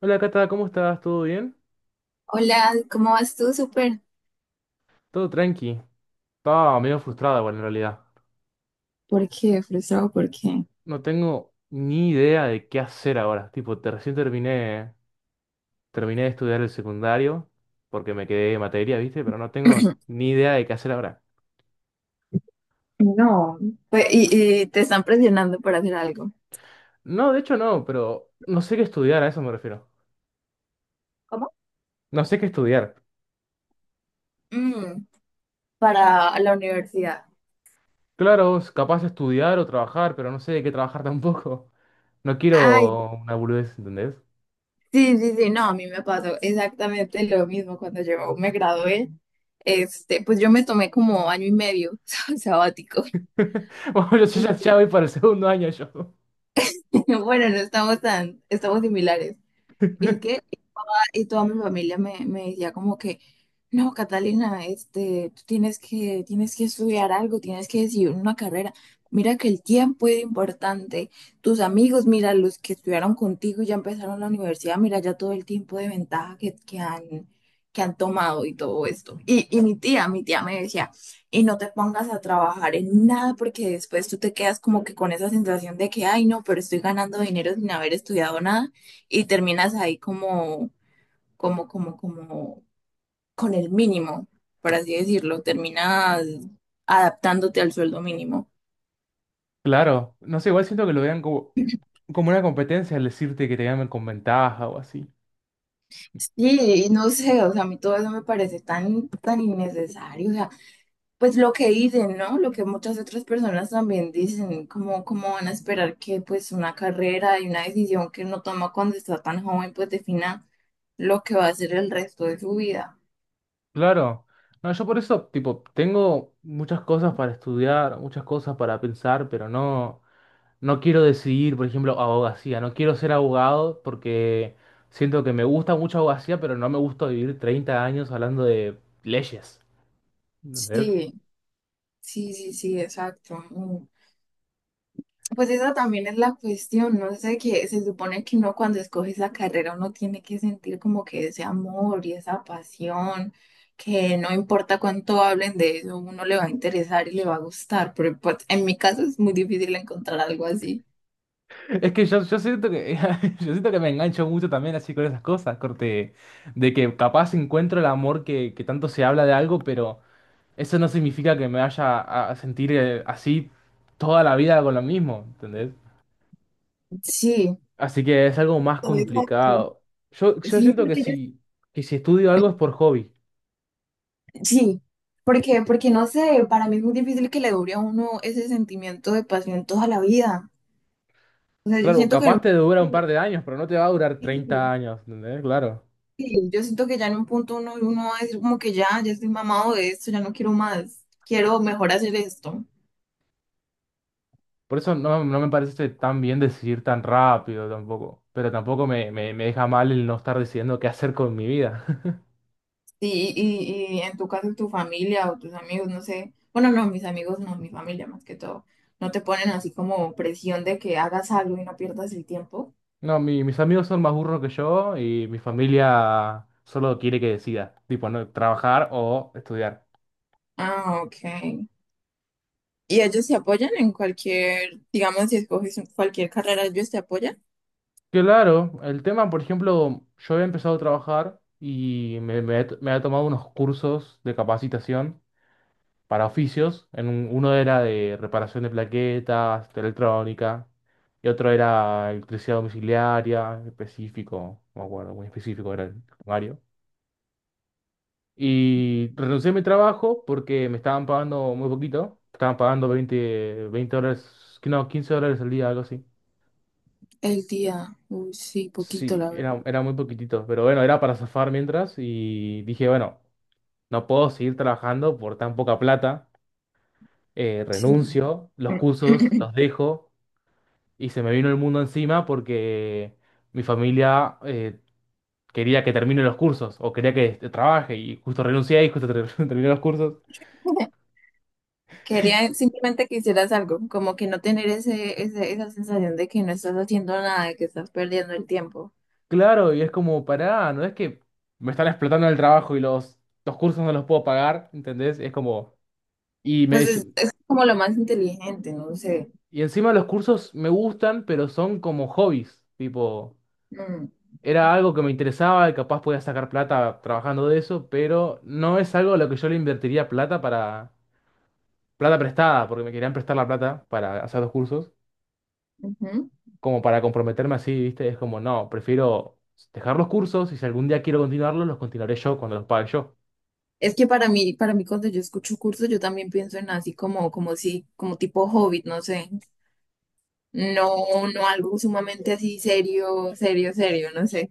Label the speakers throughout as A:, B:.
A: Hola Cata, ¿cómo estás? ¿Todo bien?
B: Hola, ¿cómo vas tú? Súper.
A: Todo tranqui. Estaba medio frustrada, bueno, en realidad.
B: ¿Por qué? Frustrado, ¿por qué?
A: No tengo ni idea de qué hacer ahora. Recién terminé de estudiar el secundario porque me quedé en materia, ¿viste? Pero no tengo ni idea de qué hacer ahora.
B: No. Pues, y te están presionando para hacer algo.
A: No, de hecho no, pero no sé qué estudiar, a eso me refiero.
B: ¿Cómo?
A: No sé qué estudiar.
B: Mm, para la universidad.
A: Claro, es capaz de estudiar o trabajar, pero no sé de qué trabajar tampoco. No
B: Ay,
A: quiero una boludez, ¿entendés?
B: sí, sí, sí, no, a mí me pasó exactamente lo mismo cuando yo me gradué. Este, pues yo me tomé como año y medio sabático.
A: Bueno, yo ya
B: Sí.
A: voy para el segundo año yo.
B: Bueno, no estamos tan, estamos similares. ¿Y qué? Y toda mi familia me decía como que, no, Catalina, este, tú tienes que estudiar algo, tienes que decidir una carrera. Mira que el tiempo es importante. Tus amigos, mira, los que estudiaron contigo y ya empezaron la universidad, mira ya todo el tiempo de ventaja que han tomado y todo esto. Y mi tía me decía, y no te pongas a trabajar en nada porque después tú te quedas como que con esa sensación de que, ay, no, pero estoy ganando dinero sin haber estudiado nada y terminas ahí como con el mínimo, por así decirlo, terminas adaptándote al sueldo mínimo.
A: Claro, no sé, igual siento que lo vean como, como una competencia al decirte que te llamen con ventaja o así.
B: Sí, y no sé, o sea, a mí todo eso me parece tan, tan innecesario, o sea, pues lo que dicen, ¿no? Lo que muchas otras personas también dicen, como, cómo van a esperar que pues una carrera y una decisión que uno toma cuando está tan joven, pues defina lo que va a ser el resto de su vida.
A: Claro, no, yo por eso, tipo, tengo muchas cosas para estudiar, muchas cosas para pensar, no quiero decidir, por ejemplo, abogacía, no quiero ser abogado porque siento que me gusta mucho abogacía, pero no me gusta vivir 30 años hablando de leyes, ¿entendés?
B: Sí, sí, sí, sí, exacto. Pues esa también es la cuestión, ¿no? Sé que se supone que uno cuando escoge esa carrera uno tiene que sentir como que ese amor y esa pasión, que no importa cuánto hablen de eso, uno le va a interesar y le va a gustar, pero pues, en mi caso es muy difícil encontrar algo así.
A: Es que yo siento que yo siento que me engancho mucho también así con esas cosas, corte, de que capaz encuentro el amor que tanto se habla de algo, pero eso no significa que me vaya a sentir así toda la vida con lo mismo, ¿entendés?
B: Sí,
A: Así que es algo más
B: exacto.
A: complicado. Yo
B: Sí,
A: siento que si estudio algo es por hobby.
B: sí, porque, porque no sé, para mí es muy difícil que le dure a uno ese sentimiento de pasión toda la vida. O sea, yo
A: Claro,
B: siento que no.
A: capaz te dura un par de años, pero no te va a durar 30
B: Sí,
A: años, ¿entendés? Claro.
B: sí, yo siento que ya en un punto uno va a decir como que ya, ya estoy mamado de esto, ya no quiero más, quiero mejor hacer esto.
A: Por eso no me parece tan bien decidir tan rápido tampoco. Pero tampoco me deja mal el no estar decidiendo qué hacer con mi vida.
B: Sí, y en tu caso, tu familia o tus amigos, no sé, bueno, no, mis amigos no, mi familia más que todo, no te ponen así como presión de que hagas algo y no pierdas el tiempo.
A: No, mis amigos son más burros que yo y mi familia solo quiere que decida. Tipo, no, trabajar o estudiar.
B: Ah, ok. ¿Y ellos te apoyan en cualquier, digamos, si escoges cualquier carrera, ellos te apoyan?
A: Claro, el tema, por ejemplo, yo había empezado a trabajar y me he tomado unos cursos de capacitación para oficios. Uno era de reparación de plaquetas, de electrónica, y otro era electricidad domiciliaria, específico, no me acuerdo, muy específico era el horario. Y renuncié a mi trabajo porque me estaban pagando muy poquito. Estaban pagando veinte dólares, que no, 15 dólares al día, algo así.
B: El día, uy, sí, poquito,
A: Sí,
B: la verdad.
A: era muy poquitito, pero bueno, era para zafar mientras y dije, bueno, no puedo seguir trabajando por tan poca plata,
B: Sí.
A: renuncio, los cursos los dejo y se me vino el mundo encima porque mi familia quería que termine los cursos o quería que este, trabaje y justo renuncié y justo terminé los cursos.
B: Quería simplemente que hicieras algo, como que no tener esa sensación de que no estás haciendo nada, de que estás perdiendo el tiempo.
A: Claro, y es como, pará, no es que me están explotando en el trabajo y los cursos no los puedo pagar, ¿entendés? Es como, y me
B: Pues es,
A: dice-
B: es como lo más inteligente, no sé.
A: y encima los cursos me gustan, pero son como hobbies, tipo,
B: Mm,
A: era algo que me interesaba y capaz podía sacar plata trabajando de eso, pero no es algo a lo que yo le invertiría plata prestada, porque me querían prestar la plata para hacer los cursos,
B: ujú.
A: como para comprometerme así, ¿viste? Es como, no, prefiero dejar los cursos y si algún día quiero continuarlos, los continuaré yo cuando los pague yo.
B: Es que para mí cuando yo escucho cursos, yo también pienso en así como, como si, como tipo hobbit, no sé. No, no algo sumamente así serio, no sé.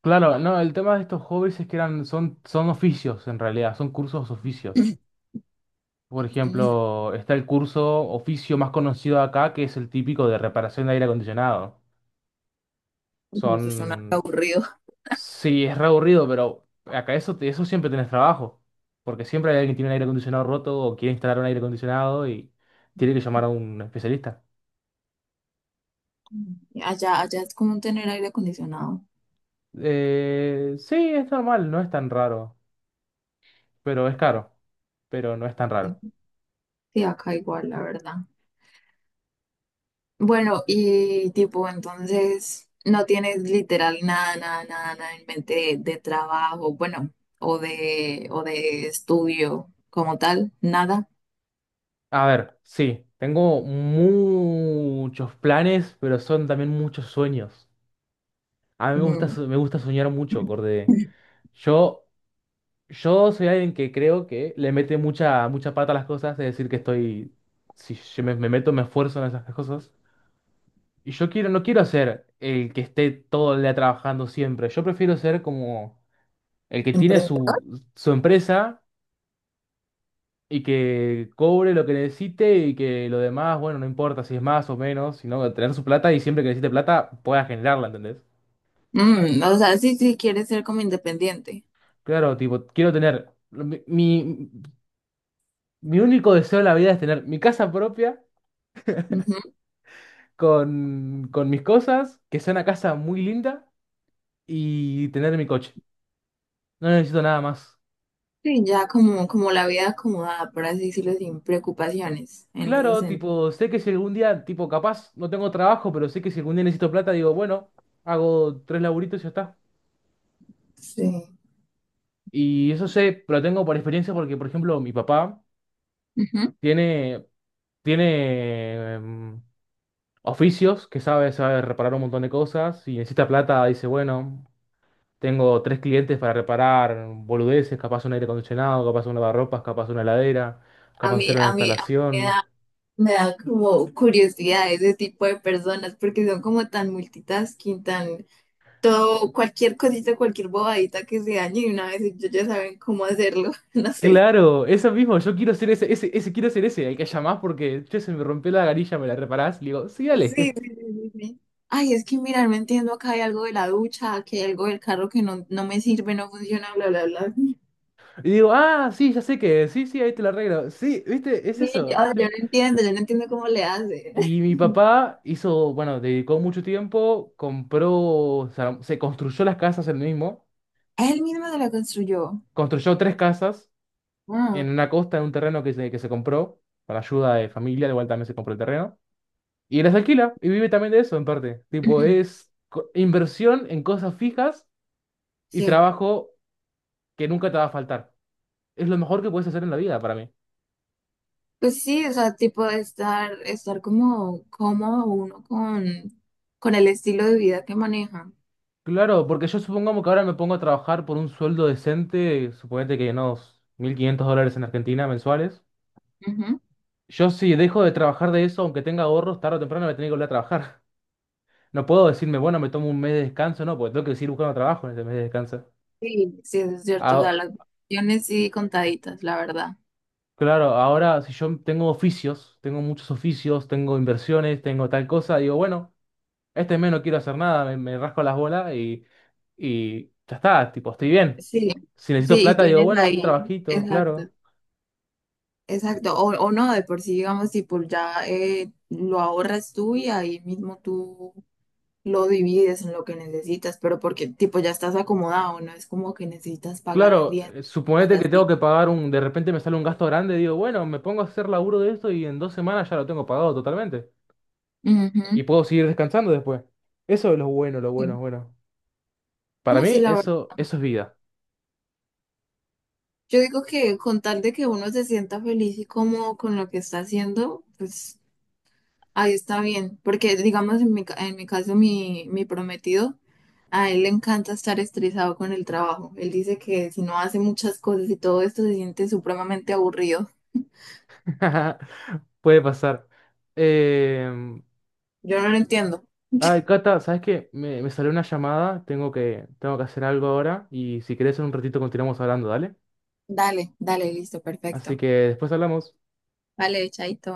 A: Claro, no, el tema de estos hobbies es que son oficios en realidad, son cursos oficios. Por ejemplo, está el curso oficio más conocido acá, que es el típico de reparación de aire acondicionado.
B: Mm, eso suena
A: Son
B: aburrido.
A: Sí, es re aburrido, pero acá eso, eso siempre tenés trabajo. Porque siempre hay alguien que tiene un aire acondicionado roto o quiere instalar un aire acondicionado y tiene que llamar a un especialista.
B: Mm. Allá, allá es común tener aire acondicionado.
A: Sí, es normal, no es tan raro, pero es caro, pero no es tan
B: Sí,
A: raro.
B: sí, acá igual, la verdad. Bueno, y tipo, entonces no tienes literal nada en mente de trabajo, bueno, o de estudio como tal, nada.
A: A ver, sí, tengo muchos planes, pero son también muchos sueños. A mí
B: Mm,
A: me gusta soñar mucho, Corde. Yo Yo soy alguien que creo que le mete mucha, mucha pata a las cosas, es decir, que estoy, si yo me meto, me esfuerzo en esas cosas. Y yo quiero, no quiero ser el que esté todo el día trabajando siempre. Yo prefiero ser como el que tiene
B: ¿Emprendedor?
A: su empresa y que cobre lo que necesite y que lo demás, bueno, no importa si es más o menos, sino tener su plata y siempre que necesite plata pueda generarla, ¿entendés?
B: Mm, o sea, sí, sí, quieres ser como independiente.
A: Claro, tipo, quiero tener, mi único deseo en la vida es tener mi casa propia
B: Ujú.
A: con mis cosas, que sea una casa muy linda y tener mi coche. No necesito nada más.
B: Sí, ya como, como la vida acomodada, por así decirlo, sin preocupaciones en ese
A: Claro,
B: sentido.
A: tipo, sé que si algún día, tipo, capaz no tengo trabajo, pero sé que si algún día necesito plata, digo, bueno, hago tres laburitos y ya está.
B: Sí.
A: Y eso sé, pero lo tengo por experiencia porque, por ejemplo, mi papá
B: Ujú.
A: tiene, tiene em, oficios que sabe reparar un montón de cosas y necesita plata, dice, bueno. Tengo tres clientes para reparar boludeces, capaz un aire acondicionado, capaz un lavarropas, capaz una heladera,
B: A
A: capaz hacer
B: mí,
A: una
B: a mí, a mí
A: instalación.
B: me da como curiosidad ese tipo de personas porque son como tan multitasking, tan todo, cualquier cosita, cualquier bobadita que se dañe y una vez ellos ya saben cómo hacerlo, no sé.
A: Claro, eso mismo, yo quiero ser quiero ser ese, el que llamás porque, che, se me rompió la garilla, ¿me la reparás? Le digo, sí,
B: Sí, sí,
A: dale.
B: sí, sí, sí. Ay, es que mirar, no entiendo, acá hay algo de la ducha, aquí hay algo del carro que no, no me sirve, no funciona, bla, bla, bla.
A: Y digo, ah, sí, ya sé que, sí, sí, ahí te la arreglo. Sí, viste, es
B: Sí,
A: eso. Yo-
B: yo no entiendo cómo le hace.
A: Y mi papá hizo, bueno, dedicó mucho tiempo, compró, o sea, se construyó las casas él mismo,
B: Él mismo se la construyó.
A: construyó tres casas
B: Ah,
A: en una costa, en un terreno que se compró, con ayuda de familia, igual también se compró el terreno, y les alquila, y vive también de eso en parte. Tipo, es inversión en cosas fijas y
B: sí.
A: trabajo que nunca te va a faltar. Es lo mejor que puedes hacer en la vida para mí.
B: Pues sí, o sea, tipo de estar, estar como cómodo uno con el estilo de vida que maneja.
A: Claro, porque yo supongamos que ahora me pongo a trabajar por un sueldo decente, suponete que unos 1.500 dólares en Argentina mensuales.
B: Ujú.
A: Yo si dejo de trabajar de eso, aunque tenga ahorros, tarde o temprano me tengo que volver a trabajar. No puedo decirme, bueno, me tomo un mes de descanso, no, porque tengo que seguir buscando trabajo en ese mes de descanso.
B: Sí, sí, eso es cierto. O
A: A-
B: sea, las opciones sí contaditas, la verdad.
A: Claro, ahora si yo tengo oficios, tengo muchos oficios, tengo inversiones, tengo tal cosa, digo, bueno, este mes no quiero hacer nada, me rasco las bolas y ya está, tipo, estoy bien.
B: Sí,
A: Si necesito
B: sí, y
A: plata, digo,
B: tienes
A: bueno, un
B: ahí,
A: trabajito,
B: exacto,
A: claro.
B: exacto. O no, de por sí, digamos, tipo, ya lo ahorras tú y ahí mismo tú lo divides en lo que necesitas, pero porque, tipo, ya estás acomodado, no es como que necesitas pagar
A: Claro,
B: arriendo, cosas
A: suponete que tengo
B: así.
A: que pagar un, de repente me sale un gasto grande, digo, bueno, me pongo a hacer laburo de esto y en 2 semanas ya lo tengo pagado totalmente. Y
B: Ujú.
A: puedo seguir descansando después. Eso es lo
B: Sí.
A: bueno, bueno. Para
B: No, sí,
A: mí,
B: la verdad.
A: eso es vida.
B: Yo digo que con tal de que uno se sienta feliz y cómodo con lo que está haciendo, pues ahí está bien, porque digamos en mi, en mi caso mi, mi prometido, a él le encanta estar estresado con el trabajo. Él dice que si no hace muchas cosas y todo esto se siente supremamente aburrido.
A: Puede pasar. Eh,
B: Yo no lo entiendo.
A: Ay, Cata, ¿sabes qué? Me salió una llamada, tengo que hacer algo ahora y si querés en un ratito continuamos hablando, ¿dale?
B: Dale, dale, listo,
A: Así
B: perfecto.
A: que después hablamos.
B: Vale, chaito.